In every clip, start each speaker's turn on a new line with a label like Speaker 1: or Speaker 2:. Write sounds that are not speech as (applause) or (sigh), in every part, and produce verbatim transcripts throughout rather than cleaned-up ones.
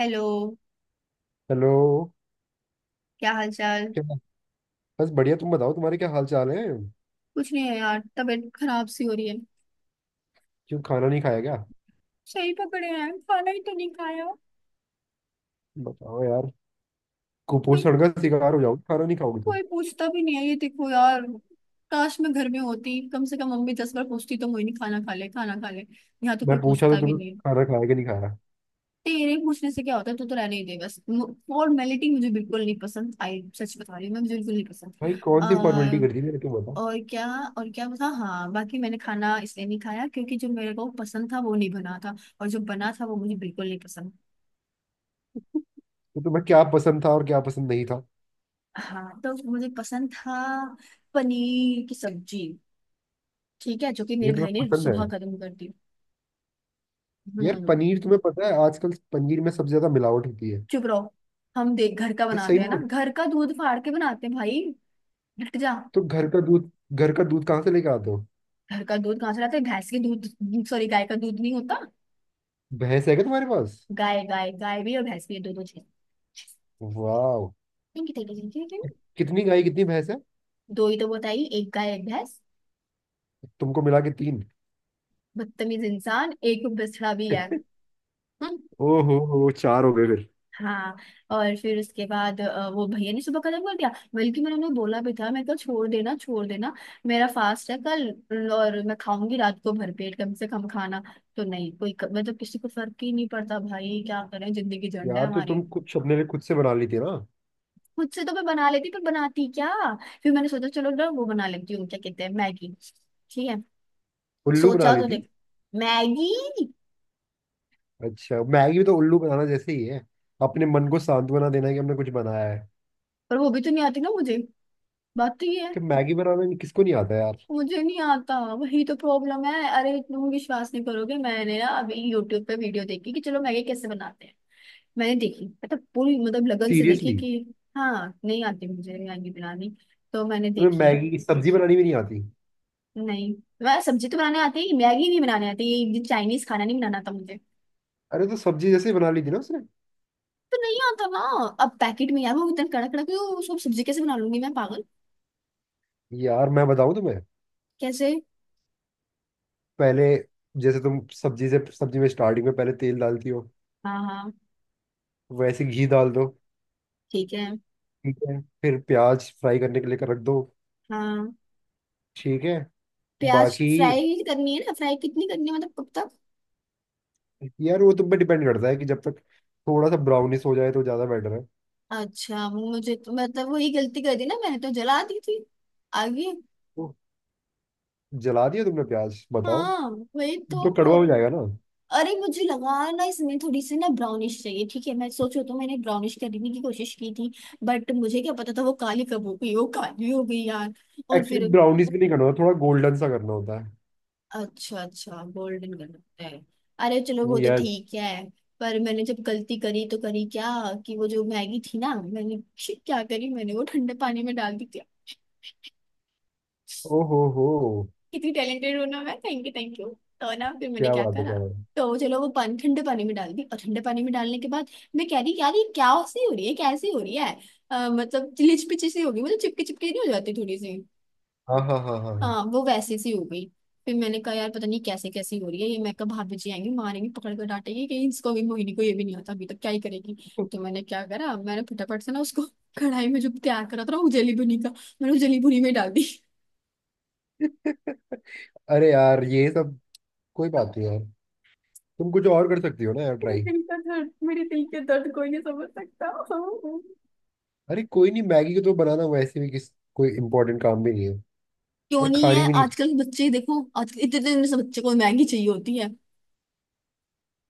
Speaker 1: Hello.
Speaker 2: Hello.
Speaker 1: क्या हाल चाल?
Speaker 2: क्या? बस बढ़िया, तुम बताओ, तुम्हारे क्या हाल चाल है?
Speaker 1: कुछ नहीं है यार, तबीयत खराब सी हो रही है।
Speaker 2: क्यों, खाना नहीं खाया क्या?
Speaker 1: सही पकड़े हैं, खाना ही तो नहीं खाया।
Speaker 2: बताओ यार।
Speaker 1: कोई
Speaker 2: कुपोषण का शिकार हो जाओगे खाना नहीं खाओगे तो।
Speaker 1: कोई पूछता भी नहीं है, ये देखो यार। काश मैं घर में होती, कम से कम मम्मी दस बार पूछती तो मुझे, नहीं खाना खा ले, खाना खा ले। यहाँ तो
Speaker 2: मैं
Speaker 1: कोई
Speaker 2: पूछा तो
Speaker 1: पूछता भी
Speaker 2: तुमने,
Speaker 1: नहीं है।
Speaker 2: खाना खाया कि नहीं खाया?
Speaker 1: तेरे पूछने से क्या होता है? तू तो रहने ही दे, बस फॉर्मेलिटी मुझे बिल्कुल नहीं पसंद आई, सच बता रही हूँ मैं, मुझे बिल्कुल नहीं पसंद।
Speaker 2: भाई कौन सी फॉर्मेलिटी
Speaker 1: आ,
Speaker 2: कर दी मेरे को बताओ?
Speaker 1: और क्या। और क्या बता। हाँ, बाकी मैंने खाना इसलिए नहीं खाया क्योंकि जो मेरे को पसंद था वो नहीं बना था। और जो बना था वो मुझे बिल्कुल नहीं पसंद।
Speaker 2: तो तुम्हें क्या पसंद था और क्या पसंद नहीं था?
Speaker 1: हाँ, तो मुझे पसंद था पनीर की सब्जी। ठीक है, जो कि मेरे
Speaker 2: ये तुम्हें
Speaker 1: भाई ने
Speaker 2: पसंद है?
Speaker 1: सुबह खत्म कर दी।
Speaker 2: यार
Speaker 1: हम्म।
Speaker 2: पनीर, तुम्हें पता है आजकल पनीर में सबसे ज्यादा मिलावट होती है।
Speaker 1: चुप रहो। हम देख, घर का
Speaker 2: ये सही
Speaker 1: बनाते
Speaker 2: में
Speaker 1: हैं ना,
Speaker 2: होता-
Speaker 1: घर का दूध फाड़ के बनाते हैं भाई। हट जा।
Speaker 2: तो घर का दूध, घर का दूध कहाँ से लेके आते हो?
Speaker 1: घर का दूध कहाँ से लाते हैं? भैंस के दूध, सॉरी, गाय का दूध नहीं होता।
Speaker 2: भैंस है क्या तुम्हारे पास?
Speaker 1: गाय, गाय गाय भी और भैंस भी, दोनों चीज।
Speaker 2: वाह।
Speaker 1: ठीक है, ठीक है, ठीक है।
Speaker 2: कितनी गाय कितनी भैंस है?
Speaker 1: दो ही तो बताई, एक गाय एक भैंस।
Speaker 2: तुमको मिला के तीन।
Speaker 1: बदतमीज इंसान! एक बछड़ा भी है।
Speaker 2: (laughs)
Speaker 1: हम्म।
Speaker 2: ओहो हो, चार हो गए फिर।
Speaker 1: हाँ। और फिर उसके बाद अ, वो भैया ने सुबह खत्म कर दिया। बल्कि मैंने उन्हें बोला भी था, मैं कल छोड़ देना छोड़ देना। मेरा फास्ट है कल, और मैं खाऊंगी रात को भरपेट कम से कम खाना। तो नहीं, कोई मतलब किसी को फर्क ही नहीं पड़ता भाई, क्या करें, जिंदगी झंड है
Speaker 2: यार तो तुम
Speaker 1: हमारी।
Speaker 2: कुछ अपने लिए खुद से बना ली थी ना?
Speaker 1: खुद से तो मैं बना लेती, पर बनाती क्या? फिर मैंने सोचा, चलो ना वो बना लेती हूँ, क्या कहते हैं, मैगी। ठीक है।
Speaker 2: उल्लू बना
Speaker 1: सोचा
Speaker 2: ली
Speaker 1: तो
Speaker 2: थी।
Speaker 1: देख। मैगी।
Speaker 2: अच्छा, मैगी भी तो उल्लू बनाना जैसे ही है। अपने मन को सांत्वना देना है कि हमने कुछ बनाया है।
Speaker 1: पर वो भी तो नहीं आती ना मुझे, बात तो ये है।
Speaker 2: कि मैगी बनाना नहीं- किसको नहीं आता यार?
Speaker 1: मुझे नहीं आता, वही तो प्रॉब्लम है। अरे तुम विश्वास नहीं करोगे, मैंने ना अभी यूट्यूब पे वीडियो देखी कि चलो मैगी कैसे बनाते हैं। मैंने देखी, मतलब पूरी, मतलब लगन से देखी
Speaker 2: सीरियसली?
Speaker 1: कि। हाँ, नहीं आती मुझे मैगी बनानी। तो मैंने
Speaker 2: तुम्हें
Speaker 1: देखी।
Speaker 2: मैगी की सब्जी बनानी भी नहीं आती?
Speaker 1: नहीं। मैं सब्जी तो बनाने आती है, मैगी नहीं बनाने आती। ये चाइनीज खाना नहीं बनाना था मुझे।
Speaker 2: अरे तो सब्जी जैसे ही बना ली थी ना उसने।
Speaker 1: तो नहीं आता ना। अब पैकेट में यार वो इतना कड़क कड़क है, वो सब सब्जी कैसे बना लूंगी मैं, पागल?
Speaker 2: यार मैं बताऊं तुम्हें।
Speaker 1: कैसे?
Speaker 2: पहले, जैसे तुम सब्जी से सब्जी में स्टार्टिंग में पहले तेल डालती हो,
Speaker 1: हाँ हाँ।
Speaker 2: वैसे घी डाल दो।
Speaker 1: ठीक है।
Speaker 2: ठीक है, फिर प्याज फ्राई करने के लिए कर रख दो।
Speaker 1: हाँ।
Speaker 2: ठीक है।
Speaker 1: प्याज
Speaker 2: बाकी
Speaker 1: फ्राई करनी है ना, फ्राई कितनी करनी है, मतलब कब?
Speaker 2: यार, वो तुम पे डिपेंड करता है कि जब तक थोड़ा सा ब्राउनिश हो जाए तो ज्यादा बेटर है।
Speaker 1: अच्छा, मुझे तो मतलब वही गलती कर दी ना, मैंने तो जला दी थी। आगे।
Speaker 2: तो जला दिया तुमने प्याज बताओ?
Speaker 1: हाँ, वही
Speaker 2: फिर
Speaker 1: तो
Speaker 2: तो कड़वा हो
Speaker 1: प्रॉब्लम।
Speaker 2: जाएगा ना।
Speaker 1: अरे मुझे लगा ना इसमें थोड़ी सी ना ब्राउनिश चाहिए, ठीक है, मैं सोचो तो मैंने ब्राउनिश करने की कोशिश की थी। बट मुझे क्या पता था वो काली कब हो गई, वो काली हो गई यार। और
Speaker 2: एक्चुअली
Speaker 1: फिर।
Speaker 2: ब्राउनिश भी नहीं करना होता, थोड़ा गोल्डन सा करना होता
Speaker 1: अच्छा अच्छा, गोल्डन कलर है। अरे चलो, वो
Speaker 2: है।
Speaker 1: तो
Speaker 2: यस।
Speaker 1: ठीक है। पर मैंने जब गलती करी तो करी क्या, कि वो जो मैगी थी ना, मैंने (laughs) क्या करी मैंने, वो ठंडे पानी में डाल दी थी।
Speaker 2: ओ हो हो।
Speaker 1: कितनी टैलेंटेड हूँ ना मैं, थैंक यू थैंक यू। तो ना फिर मैंने
Speaker 2: क्या
Speaker 1: क्या
Speaker 2: बात है,
Speaker 1: करा,
Speaker 2: क्या बात है।
Speaker 1: तो चलो वो पानी ठंडे पानी में डाल दी, और ठंडे पानी में डालने के बाद मैं कह रही यार, ये क्या सी हो रही है, कैसी हो रही है, अ, मतलब लिच पिची सी होगी, मतलब चिपके चिपके नहीं, हो जाती थोड़ी सी।
Speaker 2: हाँ हाँ हाँ हाँ हाँ।
Speaker 1: हाँ, वो वैसी सी हो गई। फिर मैंने कहा यार पता नहीं कैसे, कैसी हो रही है ये, मैं कहा भाभी जी आएंगी, मारेंगी, पकड़ कर डांटेगी कि इसको भी, मोहिनी को ये भी नहीं आता, अभी तक क्या ही करेगी। तो मैंने क्या करा, मैंने फटाफट से ना उसको (laughs) कढ़ाई में जो तैयार करा था ना उजली बुनी का, मैंने उजली बुनी में डाल दी।
Speaker 2: (laughs) अरे यार ये सब। कोई बात नहीं यार। तुम कुछ और कर सकती हो ना यार,
Speaker 1: मेरे
Speaker 2: ट्राई।
Speaker 1: दिल का दर्द, मेरे दिल के दर्द कोई नहीं समझ सकता।
Speaker 2: अरे कोई नहीं, मैगी को तो बनाना वैसे भी किस। कोई इम्पोर्टेंट काम भी नहीं है।
Speaker 1: क्यों
Speaker 2: और
Speaker 1: नहीं है?
Speaker 2: खानी भी नहीं।
Speaker 1: आजकल के बच्चे देखो, आजकल इतने इतने से बच्चे को मैगी चाहिए होती है।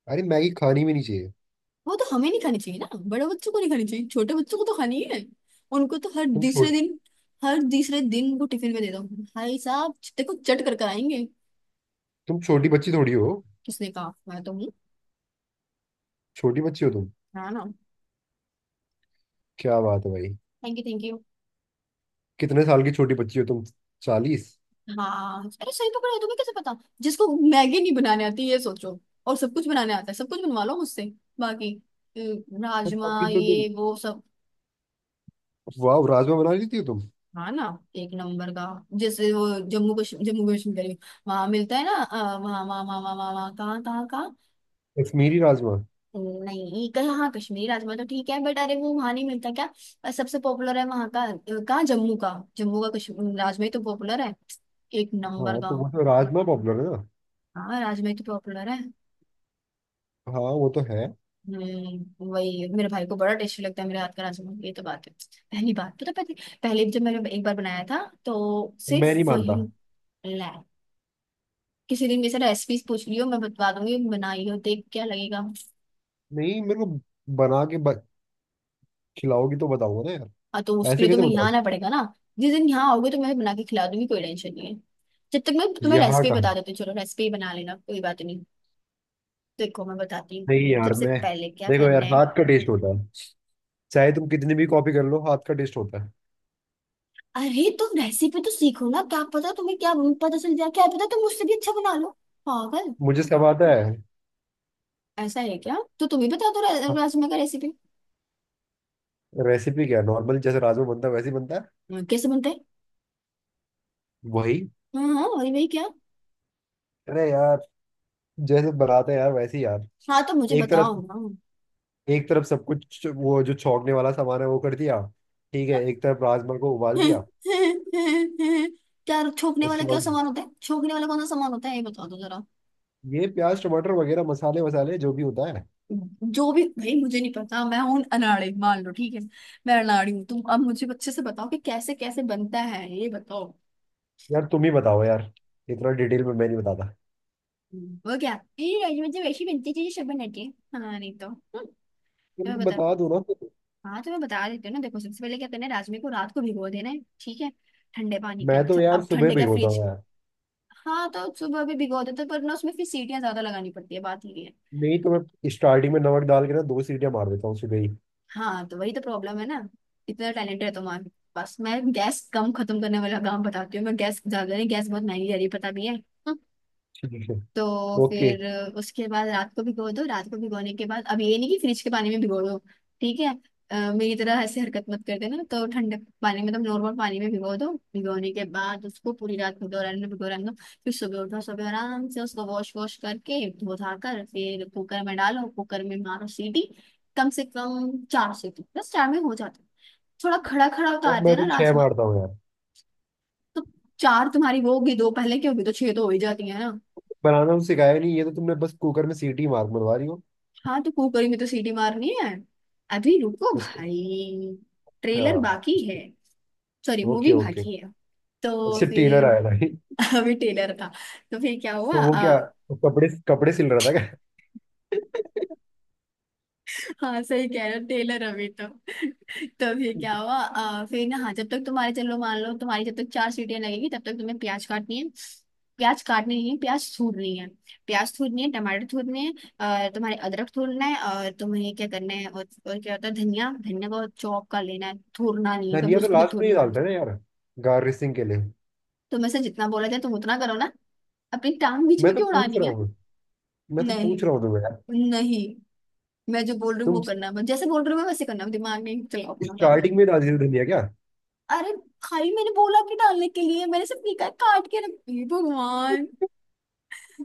Speaker 2: अरे मैगी खानी भी नहीं चाहिए।
Speaker 1: वो तो हमें नहीं खानी चाहिए ना, बड़े बच्चों को नहीं खानी चाहिए, छोटे बच्चों को तो खानी है। उनको तो हर
Speaker 2: तुम
Speaker 1: तीसरे
Speaker 2: छोटी।
Speaker 1: दिन, हर तीसरे दिन वो टिफिन में दे दो, भाई साहब देखो, चट कर कर आएंगे।
Speaker 2: तुम छोटी बच्ची थोड़ी हो।
Speaker 1: किसने कहा? मैं तो हूँ।
Speaker 2: छोटी बच्ची हो तुम।
Speaker 1: हाँ ना।
Speaker 2: क्या बात है भाई।
Speaker 1: Thank you thank you.
Speaker 2: कितने साल की छोटी बच्ची हो तुम? चालीस।
Speaker 1: हाँ, अरे सही पकड़े हो, तुम्हें कैसे पता? जिसको मैगी नहीं बनाने आती, ये सोचो। और सब कुछ बनाने आता है, सब कुछ बनवा लो मुझसे। बाकी अ,
Speaker 2: बट
Speaker 1: राजमा,
Speaker 2: अभी तो तुम,
Speaker 1: ये वो सब।
Speaker 2: वाह, राजमा बना लेती हो तुम।
Speaker 1: हाँ ना। एक नंबर का। जैसे वो जम्मू कश्मीर जम्मू कश्मीर करी, वहां मिलता है ना, अ, वहाँ वहाँ वहाँ वहाँ वहाँ वहाँ, कहाँ कहाँ कहाँ।
Speaker 2: कश्मीरी राजमा।
Speaker 1: नहीं कहीं, हाँ, कश्मीरी राजमा तो ठीक है, बट अरे वो वहां नहीं मिलता क्या? अ, सबसे पॉपुलर है वहां का, अ, कहाँ? जम्मू का। जम्मू का कश्मीर राजमा ही तो पॉपुलर है। एक नंबर
Speaker 2: हाँ
Speaker 1: का।
Speaker 2: तो वो तो राजमा पॉपुलर है ना।
Speaker 1: हाँ, राजमा ही तो पॉपुलर है।
Speaker 2: हाँ वो तो है।
Speaker 1: हम्म, वही मेरे भाई को बड़ा टेस्टी लगता है, मेरे हाथ का राजमा, ये तो बात है। पहली बात, पता, पहले पहले जब मैंने एक बार बनाया था, तो
Speaker 2: मैं नहीं
Speaker 1: सिर्फ
Speaker 2: मानता।
Speaker 1: वही। किसी दिन मेरे से रेसिपीज पूछ लियो, मैं बता दूंगी, बनाई हो देख क्या लगेगा।
Speaker 2: नहीं मेरे को, बना के ब- खिलाओगी तो बताऊंगा ना यार।
Speaker 1: हाँ, तो उसके
Speaker 2: ऐसे
Speaker 1: लिए
Speaker 2: कैसे
Speaker 1: तुम्हें यहाँ
Speaker 2: बताओ?
Speaker 1: आना पड़ेगा ना। जिस दिन यहाँ आओगे तो मैं बना के खिला दूंगी, कोई टेंशन नहीं है। जब तक मैं तुम्हें
Speaker 2: यहाँ
Speaker 1: रेसिपी
Speaker 2: का।
Speaker 1: बता देती हूँ, चलो रेसिपी बना लेना, कोई बात नहीं। देखो मैं बताती हूँ,
Speaker 2: नहीं यार
Speaker 1: सबसे
Speaker 2: मैं,
Speaker 1: पहले क्या
Speaker 2: देखो
Speaker 1: करना
Speaker 2: यार
Speaker 1: है।
Speaker 2: हाथ का टेस्ट होता है। चाहे तुम कितनी भी कॉपी कर लो हाथ का टेस्ट होता है।
Speaker 1: अरे तुम रेसिपी तो सीखो ना, क्या पता तुम्हें, क्या पता चल जाए, क्या पता तुम मुझसे भी अच्छा बना लो। पागल।
Speaker 2: मुझे सब आता है।
Speaker 1: ऐसा है क्या? तो तुम ही बता दो रा- राजमा का रेसिपी।
Speaker 2: रेसिपी क्या है, नॉर्मल जैसे राजमा बनता है वैसे ही बनता है।
Speaker 1: कैसे बनता है?
Speaker 2: वही।
Speaker 1: हाँ हाँ वही, वही क्या?
Speaker 2: अरे यार, जैसे बनाते हैं यार वैसे ही यार।
Speaker 1: हाँ तो मुझे
Speaker 2: एक तरफ,
Speaker 1: बताओ ना।
Speaker 2: एक तरफ सब कुछ वो जो छोंकने वाला सामान है वो कर दिया। ठीक है, एक तरफ राजमा को उबाल दिया।
Speaker 1: क्या छोकने वाला,
Speaker 2: उसके
Speaker 1: क्या
Speaker 2: बाद
Speaker 1: सामान होता है? छोकने वाला कौन सा सामान होता है, ये बता दो जरा।
Speaker 2: ये प्याज टमाटर वगैरह मसाले वसाले जो भी होता है।
Speaker 1: जो भी भाई, मुझे नहीं पता, मैं हूं अनाड़ी मान लो, ठीक है। मैं अनाड़ी हूँ, तुम अब मुझे अच्छे से बताओ कि कैसे कैसे बनता है, ये बताओ।
Speaker 2: यार तुम ही बताओ यार, इतना डिटेल में मैं नहीं बताता।
Speaker 1: वो क्या, ये राजमा जब ऐसी बनती है जैसे सब बनाते हैं। हाँ नहीं, तो हम्म, तो
Speaker 2: तुम
Speaker 1: मैं
Speaker 2: तो
Speaker 1: बता।
Speaker 2: बता दो ना फिर।
Speaker 1: हाँ तो मैं बता देती हूँ ना, देखो सबसे पहले क्या करना है, राजमे को रात को भिगो देना है, ठीक है, ठंडे पानी के
Speaker 2: मैं तो
Speaker 1: अंदर,
Speaker 2: यार
Speaker 1: अब
Speaker 2: सुबह
Speaker 1: ठंडे क्या,
Speaker 2: भिगोता
Speaker 1: फ्रिज।
Speaker 2: हूँ यार।
Speaker 1: हाँ तो सुबह भी भिगो देते, पर ना उसमें फिर सीटियाँ ज्यादा लगानी पड़ती है, बात ये है।
Speaker 2: नहीं तो मैं स्टार्टिंग में नमक डाल के ना दो सीटियां मार देता हूँ सुबह ही।
Speaker 1: हाँ तो वही तो प्रॉब्लम है ना। इतना टैलेंट है तुम्हारे पास, मैं गैस कम खत्म करने वाला काम बताती हूँ, मैं गैस ज्यादा नहीं, गैस बहुत महंगी जा रही है, पता भी है।
Speaker 2: ठीक है।
Speaker 1: तो
Speaker 2: ओके।
Speaker 1: फिर उसके बाद रात को भिगो दो, रात को भिगोने के बाद अब ये नहीं कि फ्रिज के पानी में भिगो दो। ठीक है। अ, मेरी तरह ऐसे हरकत मत कर देना, तो ठंडे पानी में तो, नॉर्मल पानी में भिगो दो, भिगोने के बाद उसको पूरी रात भिगो रहने दो, भिगो रहने दो। फिर सुबह उठो, सुबह आराम से उसको वॉश वॉश करके, धो धा कर, फिर कुकर में डालो, कुकर में मारो सीटी। कम से कम चार सीटी, बस चार में हो जाता है। थोड़ा खड़ा खड़ा
Speaker 2: यार
Speaker 1: उतारते
Speaker 2: मैं
Speaker 1: हैं ना
Speaker 2: तो छह
Speaker 1: राजमा।
Speaker 2: मारता हूँ यार।
Speaker 1: तो चार तुम्हारी वो होगी, दो पहले की होगी, तो छह तो हो ही जाती है ना।
Speaker 2: बनाना तो सिखाया नहीं, ये तो तुमने बस कुकर में सीटी मार मरवा रही हो।
Speaker 1: हाँ तो कुकरी में तो सीटी मारनी है। अभी रुको
Speaker 2: उसके।
Speaker 1: भाई,
Speaker 2: अच्छा।
Speaker 1: ट्रेलर बाकी है। Sorry,
Speaker 2: okay
Speaker 1: movie
Speaker 2: okay.
Speaker 1: बाकी है। तो
Speaker 2: अच्छा टेलर
Speaker 1: फिर
Speaker 2: आया था?
Speaker 1: (laughs) अभी ट्रेलर था। तो फिर क्या हुआ,
Speaker 2: तो वो क्या
Speaker 1: अ,
Speaker 2: कपड़े कपड़े सिल रहा था क्या?
Speaker 1: (laughs) हाँ सही कह रहे हो, टेलर अभी तो (laughs) तो फिर क्या हुआ, अ, फिर ना, हाँ जब तक तुम्हारे, चलो मान लो तुम्हारी, जब तक चार सीटियां लगेगी तब तक तुम्हें प्याज काटनी है। प्याज काटनी नहीं है, प्याज थूरनी है। प्याज थूरनी है, टमाटर थूरने हैं, अ, तुम्हारे अदरक थूरना है, और तुम्हें क्या करना है, और, और क्या होता है, धनिया, धनिया को चॉप कर लेना है, थूरना नहीं है, कभी
Speaker 2: धनिया तो
Speaker 1: उसको भी
Speaker 2: लास्ट में ही
Speaker 1: थूरने पड़
Speaker 2: डालते
Speaker 1: जाए।
Speaker 2: हैं ना यार, गार्निशिंग के लिए।
Speaker 1: तुम्हें से जितना बोला जाए तुम उतना करो ना, अपनी टांग बीच
Speaker 2: मैं
Speaker 1: में
Speaker 2: तो
Speaker 1: क्यों
Speaker 2: पूछ
Speaker 1: उड़ानी
Speaker 2: रहा
Speaker 1: है।
Speaker 2: हूँ, मैं तो
Speaker 1: नहीं।
Speaker 2: पूछ रहा हूँ तुम्हें यार।
Speaker 1: नहीं। मैं जो बोल रही हूँ वो
Speaker 2: तुम
Speaker 1: करना है, जैसे बोल रही हूँ मैं वैसे करना, दिमाग नहीं चलाओ अपना ज्यादा।
Speaker 2: स्टार्टिंग में डाल रही हो धनिया क्या?
Speaker 1: अरे भाई, मैंने बोला कि डालने के लिए मैंने सिर्फ निकाय काट के रख, हे भगवान।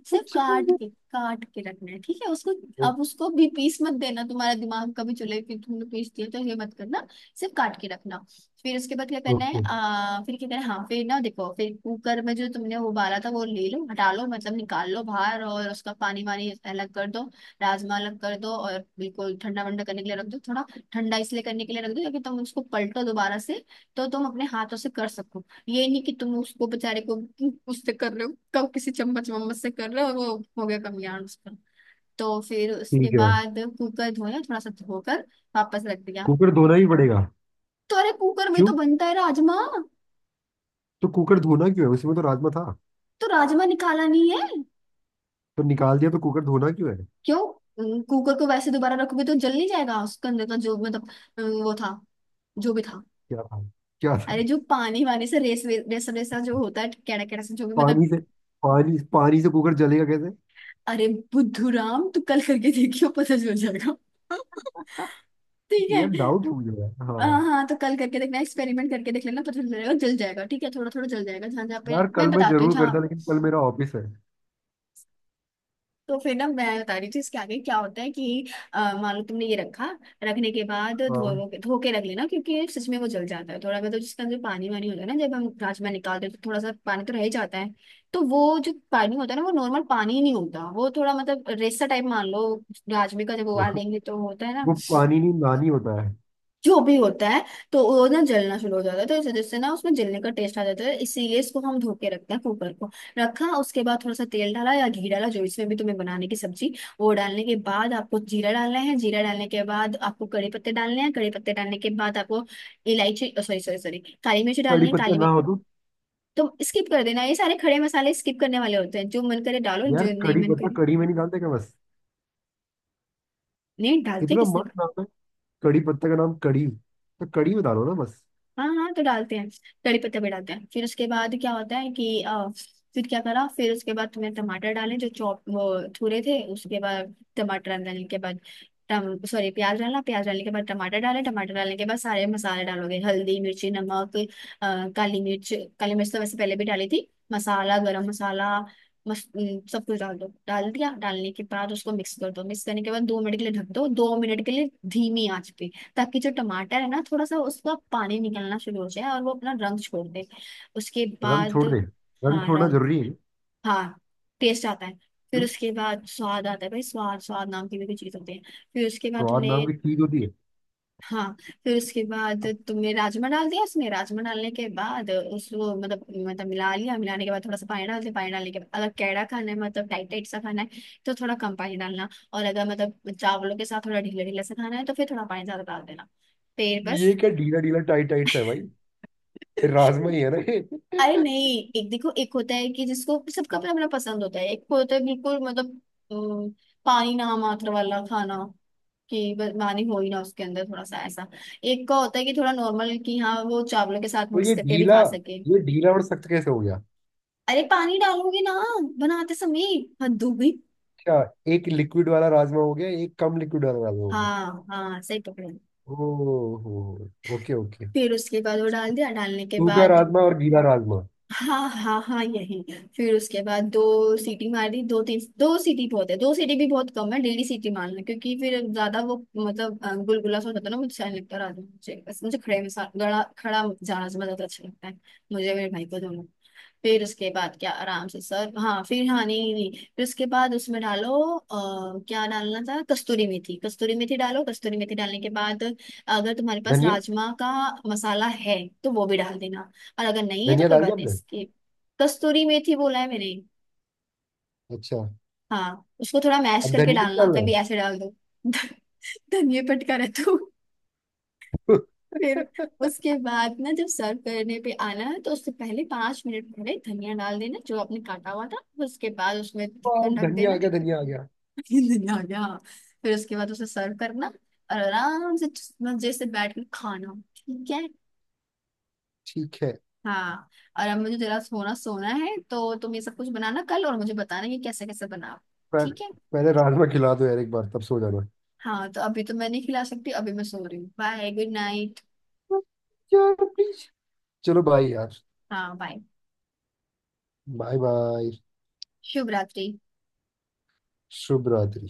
Speaker 1: सिर्फ काट
Speaker 2: (laughs)
Speaker 1: के काट के रखना है, ठीक है, उसको।
Speaker 2: ओ-
Speaker 1: अब उसको भी पीस मत देना, तुम्हारा दिमाग कभी चले कि तुमने पीस दिया, तो ये मत करना, सिर्फ काट के रखना। फिर उसके बाद क्या करना है,
Speaker 2: ओके।
Speaker 1: आ, फिर क्या करना है, हाँ फिर ना देखो, फिर कुकर में जो तुमने उबाला था वो ले लो, हटा लो मतलब, निकाल लो बाहर, और उसका पानी वानी अलग कर दो। राजमा अलग कर दो और बिल्कुल ठंडा वंडा करने के लिए रख दो थोड़ा। ठंडा इसलिए करने के लिए रख दो क्योंकि तुम उसको पलटो दोबारा से, तो तुम अपने हाथों से कर सको। ये नहीं कि तुम उसको बेचारे को उससे कर रहे हो, कब किसी चम्मच वम्मच से कर रहे हो, और वो हो गया कमियान उस पर। तो फिर उसके
Speaker 2: ठीक है
Speaker 1: बाद कुकर धोया, थोड़ा सा धोकर वापस रख दिया।
Speaker 2: कुकर धोना ही पड़ेगा?
Speaker 1: तो अरे कुकर में
Speaker 2: क्यों?
Speaker 1: तो बनता है राजमा।
Speaker 2: तो कुकर धोना क्यों है, उसमें तो राजमा था।
Speaker 1: तो राजमा निकाला नहीं है।
Speaker 2: तो निकाल दिया तो कुकर धोना क्यों है?
Speaker 1: क्यों? अम, कुकर को वैसे दोबारा रखोगे तो जल नहीं जाएगा उसके अंदर का जो मतलब अम, वो था जो भी था।
Speaker 2: क्या था? क्या था?
Speaker 1: अरे जो पानी वानी से रेस वे- रेसा रेसा जो होता है कैड़ा कैड़ा सा जो भी मतलब।
Speaker 2: पानी से, पानी पानी से कुकर जलेगा कैसे?
Speaker 1: अरे बुद्धू राम तू कल करके देखियो पता चल जाएगा। (laughs)
Speaker 2: (laughs)
Speaker 1: ठीक
Speaker 2: यार
Speaker 1: है।
Speaker 2: डाउट है मुझे यार,
Speaker 1: आ,
Speaker 2: हाँ।
Speaker 1: हाँ तो कल करके देखना एक्सपेरिमेंट करके देख लेना पता चलेगा जल जाएगा ठीक है थोड़ा थोड़ा जल जाएगा जहाँ जहाँ पे
Speaker 2: यार
Speaker 1: मैं
Speaker 2: कल मैं
Speaker 1: बताती हूँ
Speaker 2: जरूर करता
Speaker 1: जहाँ।
Speaker 2: लेकिन कल मेरा ऑफिस है।
Speaker 1: तो फिर ना मैं बता रही थी इसके आगे क्या होता है कि अ, मान लो तुमने ये रखा। रखने के बाद
Speaker 2: हाँ
Speaker 1: धो धो के रख लेना क्योंकि सच में वो जल जाता है थोड़ा मतलब जिसका जो पानी वानी होता है ना जब हम राजमा निकालते हैं तो थोड़ा सा पानी तो रह ही जाता है। तो वो जो पानी होता है ना वो नॉर्मल पानी ही नहीं होता वो थोड़ा मतलब रेसा टाइप मान लो। राजमे का जब उबालेंगे तो होता है ना।
Speaker 2: वो पानी नहीं नानी होता है।
Speaker 1: जो भी होता है। तो वो ना जलना शुरू हो जाता है तो इस वजह से ना उसमें जलने का टेस्ट आ जाता है इसीलिए इसको हम धो के रखते हैं कुकर को। रखा उसके बाद थोड़ा सा तेल डाला या घी डाला जो इसमें भी तुम्हें बनाने की सब्जी। वो डालने के बाद आपको जीरा डालना है, जीरा डालने के बाद आपको कड़ी पत्ते डालने हैं, कड़ी पत्ते डालने के बाद आपको इलायची, सॉरी सॉरी सॉरी, काली मिर्च डालनी
Speaker 2: कड़ी
Speaker 1: है
Speaker 2: पत्ता
Speaker 1: काली
Speaker 2: ना
Speaker 1: मिर्च।
Speaker 2: हो तो?
Speaker 1: तो स्किप कर देना, ये सारे खड़े मसाले स्किप करने वाले होते हैं, जो मन करे डालो
Speaker 2: यार
Speaker 1: जो नहीं
Speaker 2: कड़ी
Speaker 1: मन
Speaker 2: पत्ता
Speaker 1: करे।
Speaker 2: कड़ी में नहीं डालते क्या बस?
Speaker 1: नहीं डालते
Speaker 2: इतना
Speaker 1: किसने?
Speaker 2: मस्त नाम है, कड़ी पत्ता का नाम कड़ी, तो कड़ी बता दो ना बस।
Speaker 1: हाँ हाँ तो डालते हैं। कड़ी पत्ते भी डालते हैं। फिर उसके बाद क्या होता है कि अ, फिर क्या करा, फिर उसके बाद तुमने टमाटर डाले जो चॉप वो थुरे थे, उसके बाद टमाटर डालने के बाद टम सॉरी, प्याज डाला, प्याज डालने के बाद टमाटर डाले, टमाटर डालने के बाद सारे मसाले डालोगे, हल्दी मिर्ची नमक अ, काली मिर्च। काली मिर्च तो वैसे पहले भी डाली थी, मसाला गरम मसाला मस, न, सब कुछ डाल दो। डाल दिया, डालने के बाद उसको मिक्स कर दो, मिक्स करने के बाद दो मिनट के लिए ढक दो, दो मिनट के लिए धीमी आंच पे, ताकि जो टमाटर है ना थोड़ा सा उसका पानी निकलना शुरू हो जाए और वो अपना रंग छोड़ दे। उसके
Speaker 2: रंग
Speaker 1: बाद
Speaker 2: छोड़ दे, रंग
Speaker 1: हाँ
Speaker 2: छोड़ना
Speaker 1: रंग
Speaker 2: जरूरी है?
Speaker 1: हाँ टेस्ट आता है। फिर
Speaker 2: क्यों?
Speaker 1: उसके बाद स्वाद आता है, भाई स्वाद, स्वाद नाम की भी कोई चीज होती है। फिर उसके बाद
Speaker 2: स्वाद
Speaker 1: तुमने,
Speaker 2: नाम की चीज होती है?
Speaker 1: हाँ, फिर उसके बाद
Speaker 2: तो
Speaker 1: तुमने राजमा डाल दिया उसमें, राजमा डालने के बाद उसको मतलब मतलब मिला लिया, मिलाने के बाद थोड़ा सा पानी डाल दिया, पानी डालने के बाद अगर कैड़ा खाना है मतलब टाइट टाइट सा खाना है तो थोड़ा कम पानी डालना, और अगर मतलब चावलों के साथ थोड़ा ढीला ढीला सा खाना है तो फिर थोड़ा पानी ज्यादा डाल देना। फिर
Speaker 2: ये
Speaker 1: बस।
Speaker 2: क्या ढीला ढीला टाइट टाइट सा है भाई? राजमा ही है ना ये।
Speaker 1: अरे
Speaker 2: (laughs)
Speaker 1: नहीं, एक देखो, एक होता है कि जिसको सबका अपना अपना पसंद होता है, एक को होता है बिल्कुल मतलब अम, पानी ना मात्र वाला खाना, कि बस पानी हो ही ना उसके अंदर थोड़ा सा ऐसा। एक का होता है कि थोड़ा नॉर्मल, कि हाँ वो चावलों के साथ
Speaker 2: तो
Speaker 1: मिक्स
Speaker 2: ये
Speaker 1: करके भी
Speaker 2: ढीला
Speaker 1: खा सके।
Speaker 2: ये ढीला और सख्त कैसे हो गया?
Speaker 1: अरे पानी डालोगे ना बनाते समय, हद हो गई।
Speaker 2: अच्छा, एक लिक्विड वाला राजमा हो गया एक कम लिक्विड वाला राजमा हो गया।
Speaker 1: हाँ हाँ सही पकड़े।
Speaker 2: ओ हो। Okay okay.
Speaker 1: फिर उसके बाद वो डाल दिया, डालने के
Speaker 2: सूखा
Speaker 1: बाद
Speaker 2: राजमा और गीला राजमा।
Speaker 1: हाँ हाँ हाँ यही। फिर उसके बाद दो सीटी मार दी, दो तीन, दो सीटी बहुत है, दो सीटी भी बहुत कम है, डेली सीटी मारना, क्योंकि फिर ज्यादा वो मतलब अ, गुलगुला सा हो जाता है ना, मुझे अच्छा नहीं लगता रात में, मुझे बस मुझे खड़े में सा- गड़ा खड़ा जाना ज्यादा अच्छा लगता है मुझे और मेरे भाई को दोनों को। फिर उसके बाद क्या आराम से सर, हाँ फिर हाँ नहीं नहीं, फिर उसके बाद उसमें डालो आ, क्या डालना था, कस्तूरी मेथी, कस्तूरी मेथी डालो, कस्तूरी मेथी डालने के बाद अगर तुम्हारे पास
Speaker 2: धनिया।
Speaker 1: राजमा का मसाला है तो वो भी डाल देना, और अगर नहीं है तो
Speaker 2: धनिया
Speaker 1: कोई
Speaker 2: डाल
Speaker 1: बात
Speaker 2: दिया
Speaker 1: नहीं
Speaker 2: आपने?
Speaker 1: इसकी। कस्तूरी मेथी बोला है मैंने।
Speaker 2: अच्छा,
Speaker 1: हाँ उसको थोड़ा मैश
Speaker 2: अब
Speaker 1: करके
Speaker 2: धनिया
Speaker 1: डालना,
Speaker 2: डाल रहे
Speaker 1: कभी
Speaker 2: हो?
Speaker 1: ऐसे डाल दो (laughs) धनिया पटका रहे तो। फिर उसके बाद ना जब सर्व करने पे आना है तो उससे पहले पांच मिनट पहले धनिया डाल देना जो आपने काटा हुआ था। उसके बाद उसमें
Speaker 2: (laughs) वाह,
Speaker 1: ढक्कन ढक
Speaker 2: धनिया आ
Speaker 1: देना।
Speaker 2: गया, धनिया आ गया।
Speaker 1: (laughs) धनिया आ गया। फिर उसके बाद उसे सर्व करना और आराम से मजे से बैठ कर खाना ठीक है।
Speaker 2: ठीक है।
Speaker 1: हाँ। और अब मुझे जरा सोना सोना है तो तुम ये सब कुछ बनाना कल और मुझे बताना कि कैसे कैसे बनाओ
Speaker 2: पर
Speaker 1: ठीक है।
Speaker 2: पहले राजमा खिला दो यार एक बार तब सो जाना।
Speaker 1: हाँ तो अभी तो मैं नहीं खिला सकती, अभी मैं सो रही हूँ, बाय, गुड नाइट।
Speaker 2: (laughs) यार प्लीज। चलो बाय यार।
Speaker 1: हाँ बाय।
Speaker 2: Bye bye.
Speaker 1: शुभ रात्रि।
Speaker 2: शुभ रात्रि।